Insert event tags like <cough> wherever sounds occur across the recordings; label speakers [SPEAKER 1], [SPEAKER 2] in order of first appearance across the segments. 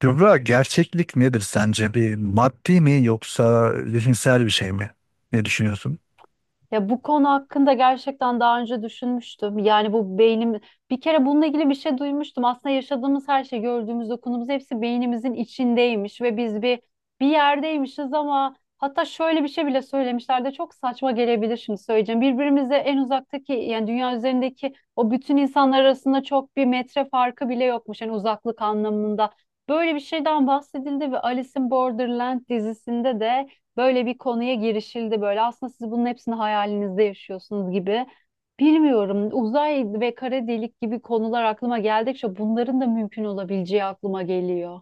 [SPEAKER 1] Kübra gerçeklik nedir sence? Bir maddi mi yoksa zihinsel bir şey mi? Ne düşünüyorsun?
[SPEAKER 2] Ya bu konu hakkında gerçekten daha önce düşünmüştüm. Yani bu beynim bir kere bununla ilgili bir şey duymuştum. Aslında yaşadığımız her şey, gördüğümüz, dokunduğumuz hepsi beynimizin içindeymiş ve biz bir yerdeymişiz ama hatta şöyle bir şey bile söylemişler de çok saçma gelebilir şimdi söyleyeceğim. Birbirimize en uzaktaki yani dünya üzerindeki o bütün insanlar arasında çok bir metre farkı bile yokmuş yani uzaklık anlamında. Böyle bir şeyden bahsedildi ve Alice in Borderland dizisinde de böyle bir konuya girişildi böyle. Aslında siz bunun hepsini hayalinizde yaşıyorsunuz gibi. Bilmiyorum. Uzay ve kara delik gibi konular aklıma geldikçe bunların da mümkün olabileceği aklıma geliyor.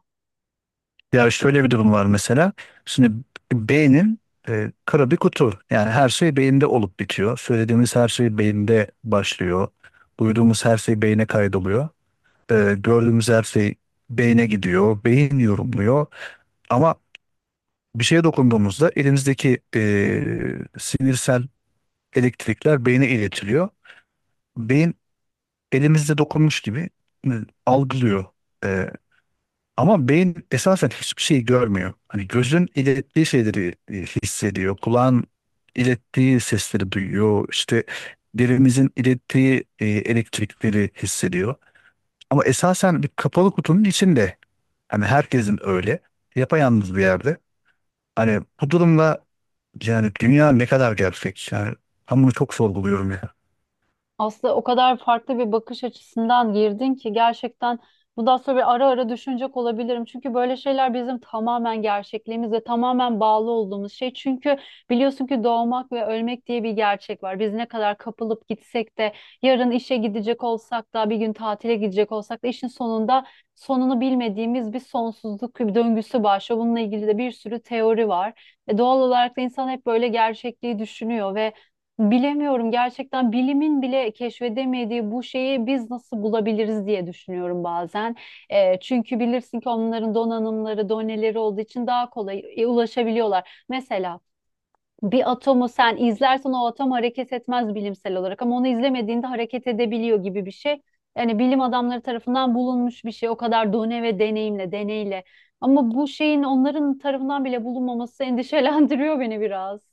[SPEAKER 1] Ya şöyle bir durum var mesela. Şimdi beynin kara bir kutu. Yani her şey beyinde olup bitiyor. Söylediğimiz her şey beyinde başlıyor. Duyduğumuz her şey beyne kaydoluyor. Gördüğümüz her şey beyne gidiyor. Beyin yorumluyor. Ama bir şeye dokunduğumuzda elimizdeki sinirsel elektrikler beyne iletiliyor. Beyin elimizde dokunmuş gibi e, algılıyor. E, Ama beyin esasen hiçbir şey görmüyor. Hani gözün ilettiği şeyleri hissediyor. Kulağın ilettiği sesleri duyuyor. İşte derimizin ilettiği elektrikleri hissediyor. Ama esasen bir kapalı kutunun içinde. Hani herkesin öyle. Yapayalnız bir yerde. Hani bu durumda yani dünya ne kadar gerçek? Yani ben bunu çok sorguluyorum ya.
[SPEAKER 2] Aslında o kadar farklı bir bakış açısından girdin ki gerçekten bundan sonra bir ara ara düşünecek olabilirim. Çünkü böyle şeyler bizim tamamen gerçekliğimizle tamamen bağlı olduğumuz şey. Çünkü biliyorsun ki doğmak ve ölmek diye bir gerçek var. Biz ne kadar kapılıp gitsek de yarın işe gidecek olsak da bir gün tatile gidecek olsak da işin sonunda sonunu bilmediğimiz bir sonsuzluk bir döngüsü başlıyor. Bununla ilgili de bir sürü teori var. Doğal olarak da insan hep böyle gerçekliği düşünüyor ve bilemiyorum gerçekten bilimin bile keşfedemediği bu şeyi biz nasıl bulabiliriz diye düşünüyorum bazen. Çünkü bilirsin ki onların donanımları, doneleri olduğu için daha kolay ulaşabiliyorlar. Mesela bir atomu sen izlersen o atom hareket etmez bilimsel olarak ama onu izlemediğinde hareket edebiliyor gibi bir şey. Yani bilim adamları tarafından bulunmuş bir şey o kadar done ve deneyimle, deneyle. Ama bu şeyin onların tarafından bile bulunmaması <laughs> endişelendiriyor beni biraz.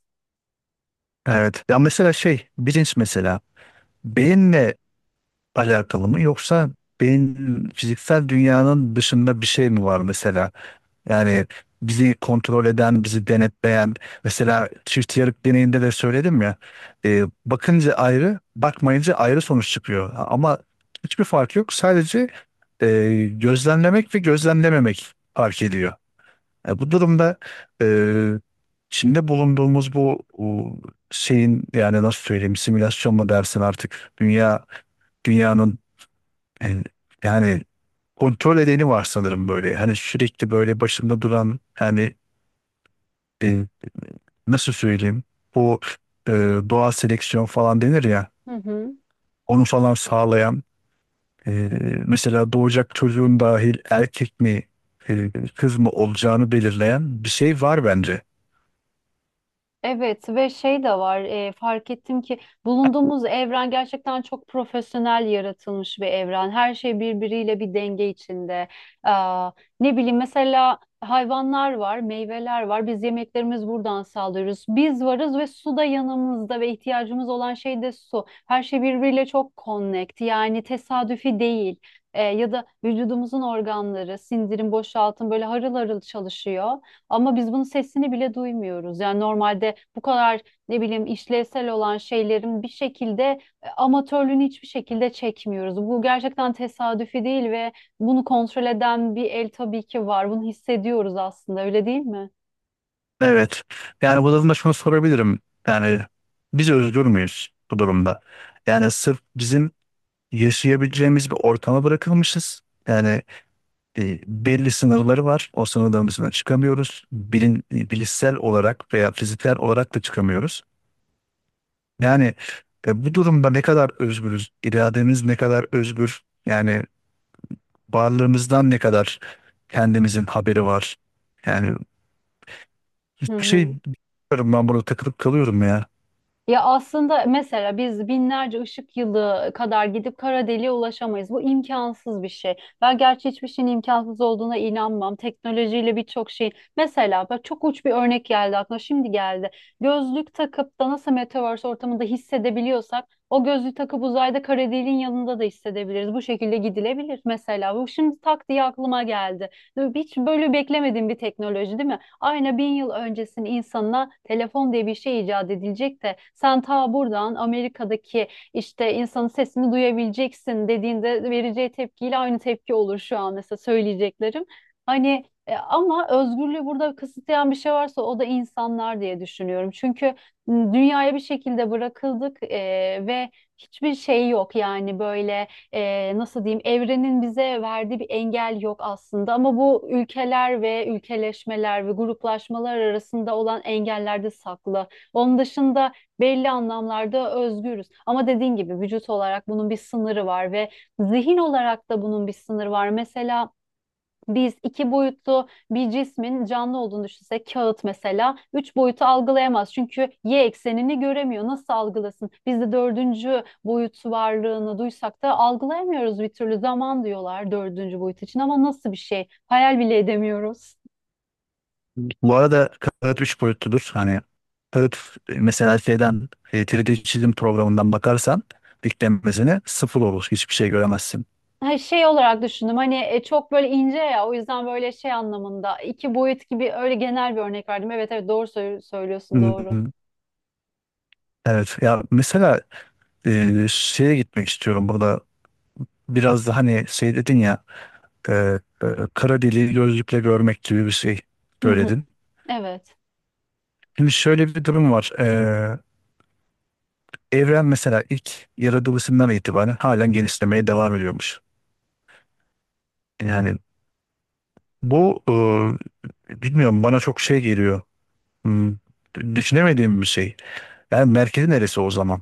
[SPEAKER 1] Evet. Ya mesela şey bilinç mesela. Beyinle alakalı mı yoksa beyin fiziksel dünyanın dışında bir şey mi var mesela? Yani bizi kontrol eden, bizi denetleyen mesela çift yarık deneyinde de söyledim ya, bakınca ayrı, bakmayınca ayrı sonuç çıkıyor. Ama hiçbir fark yok. Sadece e, gözlemlemek ve gözlemlememek fark ediyor. Bu durumda e, içinde bulunduğumuz bu şeyin yani nasıl söyleyeyim simülasyon mu dersin artık dünyanın en- yani kontrol edeni var sanırım böyle. Hani sürekli böyle başında duran yani e, nasıl söyleyeyim bu e, doğal seleksiyon falan denir ya,
[SPEAKER 2] Hı hı.
[SPEAKER 1] onu falan sağlayan e, mesela doğacak çocuğun dahil erkek mi kız mı olacağını belirleyen bir şey var bence.
[SPEAKER 2] Evet ve şey de var, fark ettim ki bulunduğumuz evren gerçekten çok profesyonel yaratılmış bir evren. Her şey birbiriyle bir denge içinde. Aa, ne bileyim mesela hayvanlar var, meyveler var. Biz yemeklerimiz buradan sağlıyoruz. Biz varız ve su da yanımızda ve ihtiyacımız olan şey de su. Her şey birbiriyle çok connect, yani tesadüfi değil. E, ya da vücudumuzun organları, sindirim, boşaltım böyle harıl harıl çalışıyor. Ama biz bunun sesini bile duymuyoruz. Yani normalde bu kadar ne bileyim işlevsel olan şeylerin bir şekilde amatörlüğünü hiçbir şekilde çekmiyoruz. Bu gerçekten tesadüfi değil ve bunu kontrol eden bir el tabii ki var. Bunu hissediyoruz aslında, öyle değil mi?
[SPEAKER 1] Evet. Yani bu durumda şunu sorabilirim. Yani biz özgür müyüz bu durumda? Yani sırf bizim yaşayabileceğimiz bir ortama bırakılmışız. Yani belli sınırları var. O sınırların dışına çıkamıyoruz. Bilişsel olarak veya fiziksel olarak da çıkamıyoruz. Yani bu durumda ne kadar özgürüz, irademiz ne kadar özgür, yani varlığımızdan ne kadar kendimizin haberi var. Yani
[SPEAKER 2] Hı
[SPEAKER 1] hiçbir şey
[SPEAKER 2] hı.
[SPEAKER 1] bilmiyorum, ben burada takılıp kalıyorum ya.
[SPEAKER 2] Ya aslında mesela biz binlerce ışık yılı kadar gidip kara deliğe ulaşamayız. Bu imkansız bir şey. Ben gerçi hiçbir şeyin imkansız olduğuna inanmam. Teknolojiyle birçok şey. Mesela bak çok uç bir örnek geldi aklıma. Şimdi geldi. Gözlük takıp da nasıl metaverse ortamında hissedebiliyorsak o gözlüğü takıp uzayda kara deliğin yanında da hissedebiliriz. Bu şekilde gidilebilir mesela. Bu şimdi tak diye aklıma geldi. Hiç böyle beklemediğim bir teknoloji değil mi? Aynı bin yıl öncesinin insanına telefon diye bir şey icat edilecek de sen ta buradan Amerika'daki işte insanın sesini duyabileceksin dediğinde vereceği tepkiyle aynı tepki olur şu an mesela söyleyeceklerim. Hani ama özgürlüğü burada kısıtlayan bir şey varsa o da insanlar diye düşünüyorum. Çünkü dünyaya bir şekilde bırakıldık ve hiçbir şey yok yani böyle, nasıl diyeyim, evrenin bize verdiği bir engel yok aslında ama bu ülkeler ve ülkeleşmeler ve gruplaşmalar arasında olan engellerde saklı. Onun dışında belli anlamlarda özgürüz. Ama dediğin gibi vücut olarak bunun bir sınırı var ve zihin olarak da bunun bir sınırı var. Mesela biz iki boyutlu bir cismin canlı olduğunu düşünsek, kağıt mesela, üç boyutu algılayamaz çünkü Y eksenini göremiyor. Nasıl algılasın? Biz de dördüncü boyut varlığını duysak da algılayamıyoruz bir türlü. Zaman diyorlar dördüncü boyut için ama nasıl bir şey? Hayal bile edemiyoruz.
[SPEAKER 1] Bu arada kağıt üç boyutludur. Hani kağıt mesela şeyden, 3D çizim programından bakarsan diklenmesine sıfır olur. Hiçbir şey göremezsin.
[SPEAKER 2] Ha, şey olarak düşündüm, hani çok böyle ince ya, o yüzden böyle şey anlamında iki boyut gibi öyle genel bir örnek verdim. Evet, evet, doğru söylüyorsun, doğru.
[SPEAKER 1] Hmm. Evet, ya mesela şeye gitmek istiyorum burada biraz da. Hani şey dedin ya, e, e, kara deliği gözlükle görmek gibi bir şey
[SPEAKER 2] Hı hı,
[SPEAKER 1] söyledin.
[SPEAKER 2] evet.
[SPEAKER 1] Şimdi şöyle bir durum var. Evren mesela ilk yaratılışından itibaren halen genişlemeye devam ediyormuş. Yani bu, bilmiyorum, bana çok şey geliyor. Hmm, Düşünemediğim bir şey. Yani merkezi neresi o zaman?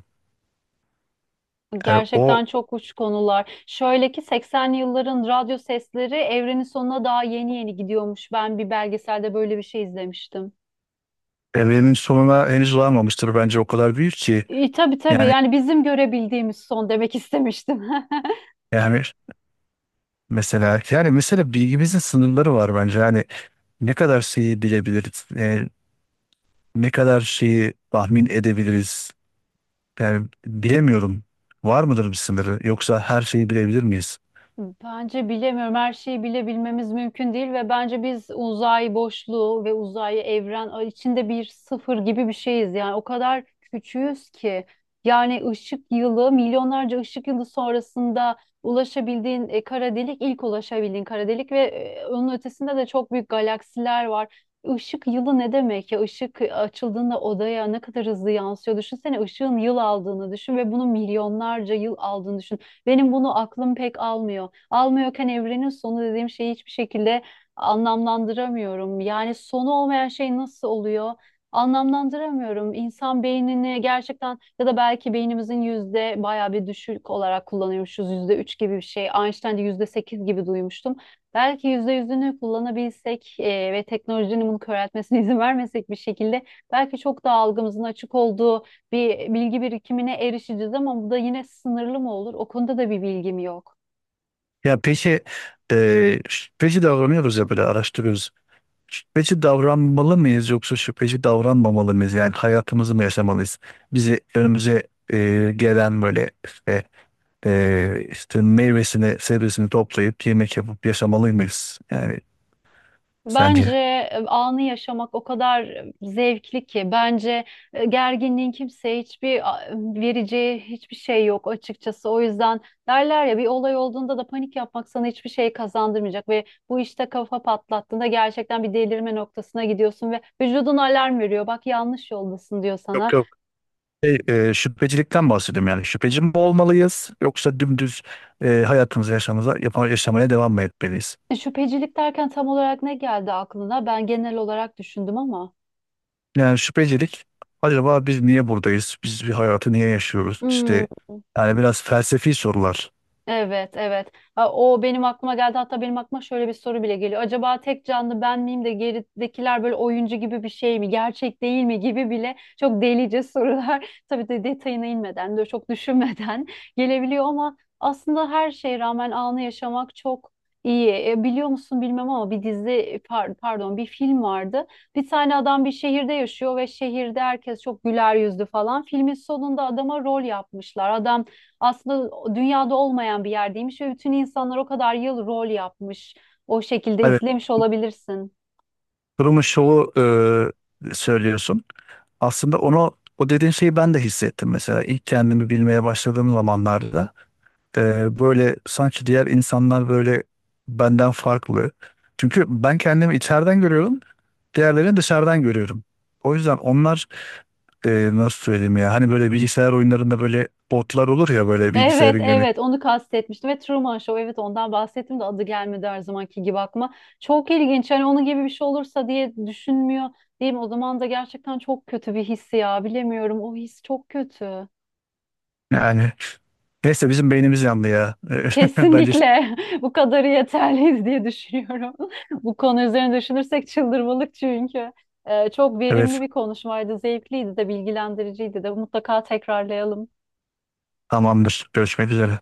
[SPEAKER 1] Yani
[SPEAKER 2] Gerçekten
[SPEAKER 1] o
[SPEAKER 2] çok uç konular. Şöyle ki 80'li yılların radyo sesleri evrenin sonuna daha yeni yeni gidiyormuş. Ben bir belgeselde böyle bir şey izlemiştim.
[SPEAKER 1] evrenin sonuna henüz varmamıştır bence, o kadar büyük ki.
[SPEAKER 2] E, tabii tabii,
[SPEAKER 1] yani
[SPEAKER 2] yani bizim görebildiğimiz son demek istemiştim. <laughs>
[SPEAKER 1] yani Mesela yani mesela bilgimizin sınırları var bence. Yani ne kadar şeyi bilebiliriz, ne kadar şeyi tahmin edebiliriz. Yani bilemiyorum. Var mıdır bir sınırı? Yoksa her şeyi bilebilir miyiz?
[SPEAKER 2] Bence bilemiyorum. Her şeyi bilebilmemiz mümkün değil ve bence biz uzay boşluğu ve uzay evren içinde bir sıfır gibi bir şeyiz. Yani o kadar küçüğüz ki yani ışık yılı, milyonlarca ışık yılı sonrasında ulaşabildiğin kara delik, ilk ulaşabildiğin kara delik ve onun ötesinde de çok büyük galaksiler var. Işık yılı ne demek ya? Işık açıldığında odaya ne kadar hızlı yansıyor. Düşünsene ışığın yıl aldığını düşün ve bunun milyonlarca yıl aldığını düşün. Benim bunu aklım pek almıyor, almıyorken evrenin sonu dediğim şeyi hiçbir şekilde anlamlandıramıyorum. Yani sonu olmayan şey nasıl oluyor? Anlamlandıramıyorum. İnsan beynini gerçekten, ya da belki beynimizin yüzde bayağı bir düşük olarak kullanıyormuşuz. %3 gibi bir şey. Einstein'de %8 gibi duymuştum. Belki %100'ünü kullanabilsek ve teknolojinin bunu köreltmesine <laughs> izin vermesek bir şekilde belki çok daha algımızın açık olduğu bir bilgi birikimine erişeceğiz ama bu da yine sınırlı mı olur? O konuda da bir bilgim yok.
[SPEAKER 1] Ya peki, şüpheci davranıyoruz ya böyle, araştırıyoruz. Şüpheci davranmalı mıyız yoksa şüpheci davranmamalı mıyız? Yani hayatımızı mı yaşamalıyız? Bizi, önümüze gelen böyle işte, işte meyvesini, sebzesini toplayıp yemek yapıp yaşamalı mıyız? Yani sence?
[SPEAKER 2] Bence anı yaşamak o kadar zevkli ki, bence gerginliğin kimseye hiçbir vereceği hiçbir şey yok açıkçası. O yüzden derler ya, bir olay olduğunda da panik yapmak sana hiçbir şey kazandırmayacak ve bu işte kafa patlattığında gerçekten bir delirme noktasına gidiyorsun ve vücudun alarm veriyor. Bak yanlış yoldasın diyor
[SPEAKER 1] Yok,
[SPEAKER 2] sana.
[SPEAKER 1] yok. Şey, Şüphecilikten bahsediyorum yani. Şüpheci mi olmalıyız yoksa dümdüz hayatımızı yaşamaya devam mı etmeliyiz?
[SPEAKER 2] Şüphecilik derken tam olarak ne geldi aklına? Ben genel olarak düşündüm ama.
[SPEAKER 1] Yani şüphecilik, acaba biz niye buradayız? Biz bir hayatı niye yaşıyoruz?
[SPEAKER 2] Hmm.
[SPEAKER 1] İşte yani biraz felsefi sorular.
[SPEAKER 2] Evet, evet. Ha, o benim aklıma geldi. Hatta benim aklıma şöyle bir soru bile geliyor. Acaba tek canlı ben miyim de geridekiler böyle oyuncu gibi bir şey mi? Gerçek değil mi gibi bile çok delice sorular. <laughs> Tabii de detayına inmeden de çok düşünmeden <laughs> gelebiliyor ama aslında her şeye rağmen anı yaşamak çok iyi. E, biliyor musun bilmem ama bir dizi, pardon, bir film vardı. Bir tane adam bir şehirde yaşıyor ve şehirde herkes çok güler yüzlü falan. Filmin sonunda adama rol yapmışlar. Adam aslında dünyada olmayan bir yerdeymiş ve bütün insanlar o kadar yıl rol yapmış. O şekilde
[SPEAKER 1] Evet.
[SPEAKER 2] izlemiş olabilirsin.
[SPEAKER 1] Durumun şovu söylüyorsun. Aslında onu, o dediğin şeyi ben de hissettim mesela ilk kendimi bilmeye başladığım zamanlarda. Böyle sanki diğer insanlar böyle benden farklı. Çünkü ben kendimi içeriden görüyorum, diğerlerini dışarıdan görüyorum. O yüzden onlar nasıl söyleyeyim ya, hani böyle bilgisayar oyunlarında böyle botlar olur ya, böyle
[SPEAKER 2] Evet,
[SPEAKER 1] bilgisayarın yönet
[SPEAKER 2] evet, onu kastetmiştim ve Truman Show, evet, ondan bahsettim de adı gelmedi her zamanki gibi aklıma. Çok ilginç, hani onun gibi bir şey olursa diye düşünmüyor değil mi? O zaman da gerçekten çok kötü bir his ya, bilemiyorum, o his çok kötü.
[SPEAKER 1] yani neyse, bizim beynimiz yandı ya. <laughs> Bence
[SPEAKER 2] Kesinlikle <laughs> bu kadarı yeterliyiz diye düşünüyorum. <laughs> Bu konu üzerine düşünürsek çıldırmalık çünkü. Çok verimli
[SPEAKER 1] evet,
[SPEAKER 2] bir konuşmaydı, zevkliydi de, bilgilendiriciydi de. Mutlaka tekrarlayalım.
[SPEAKER 1] tamamdır. Görüşmek üzere.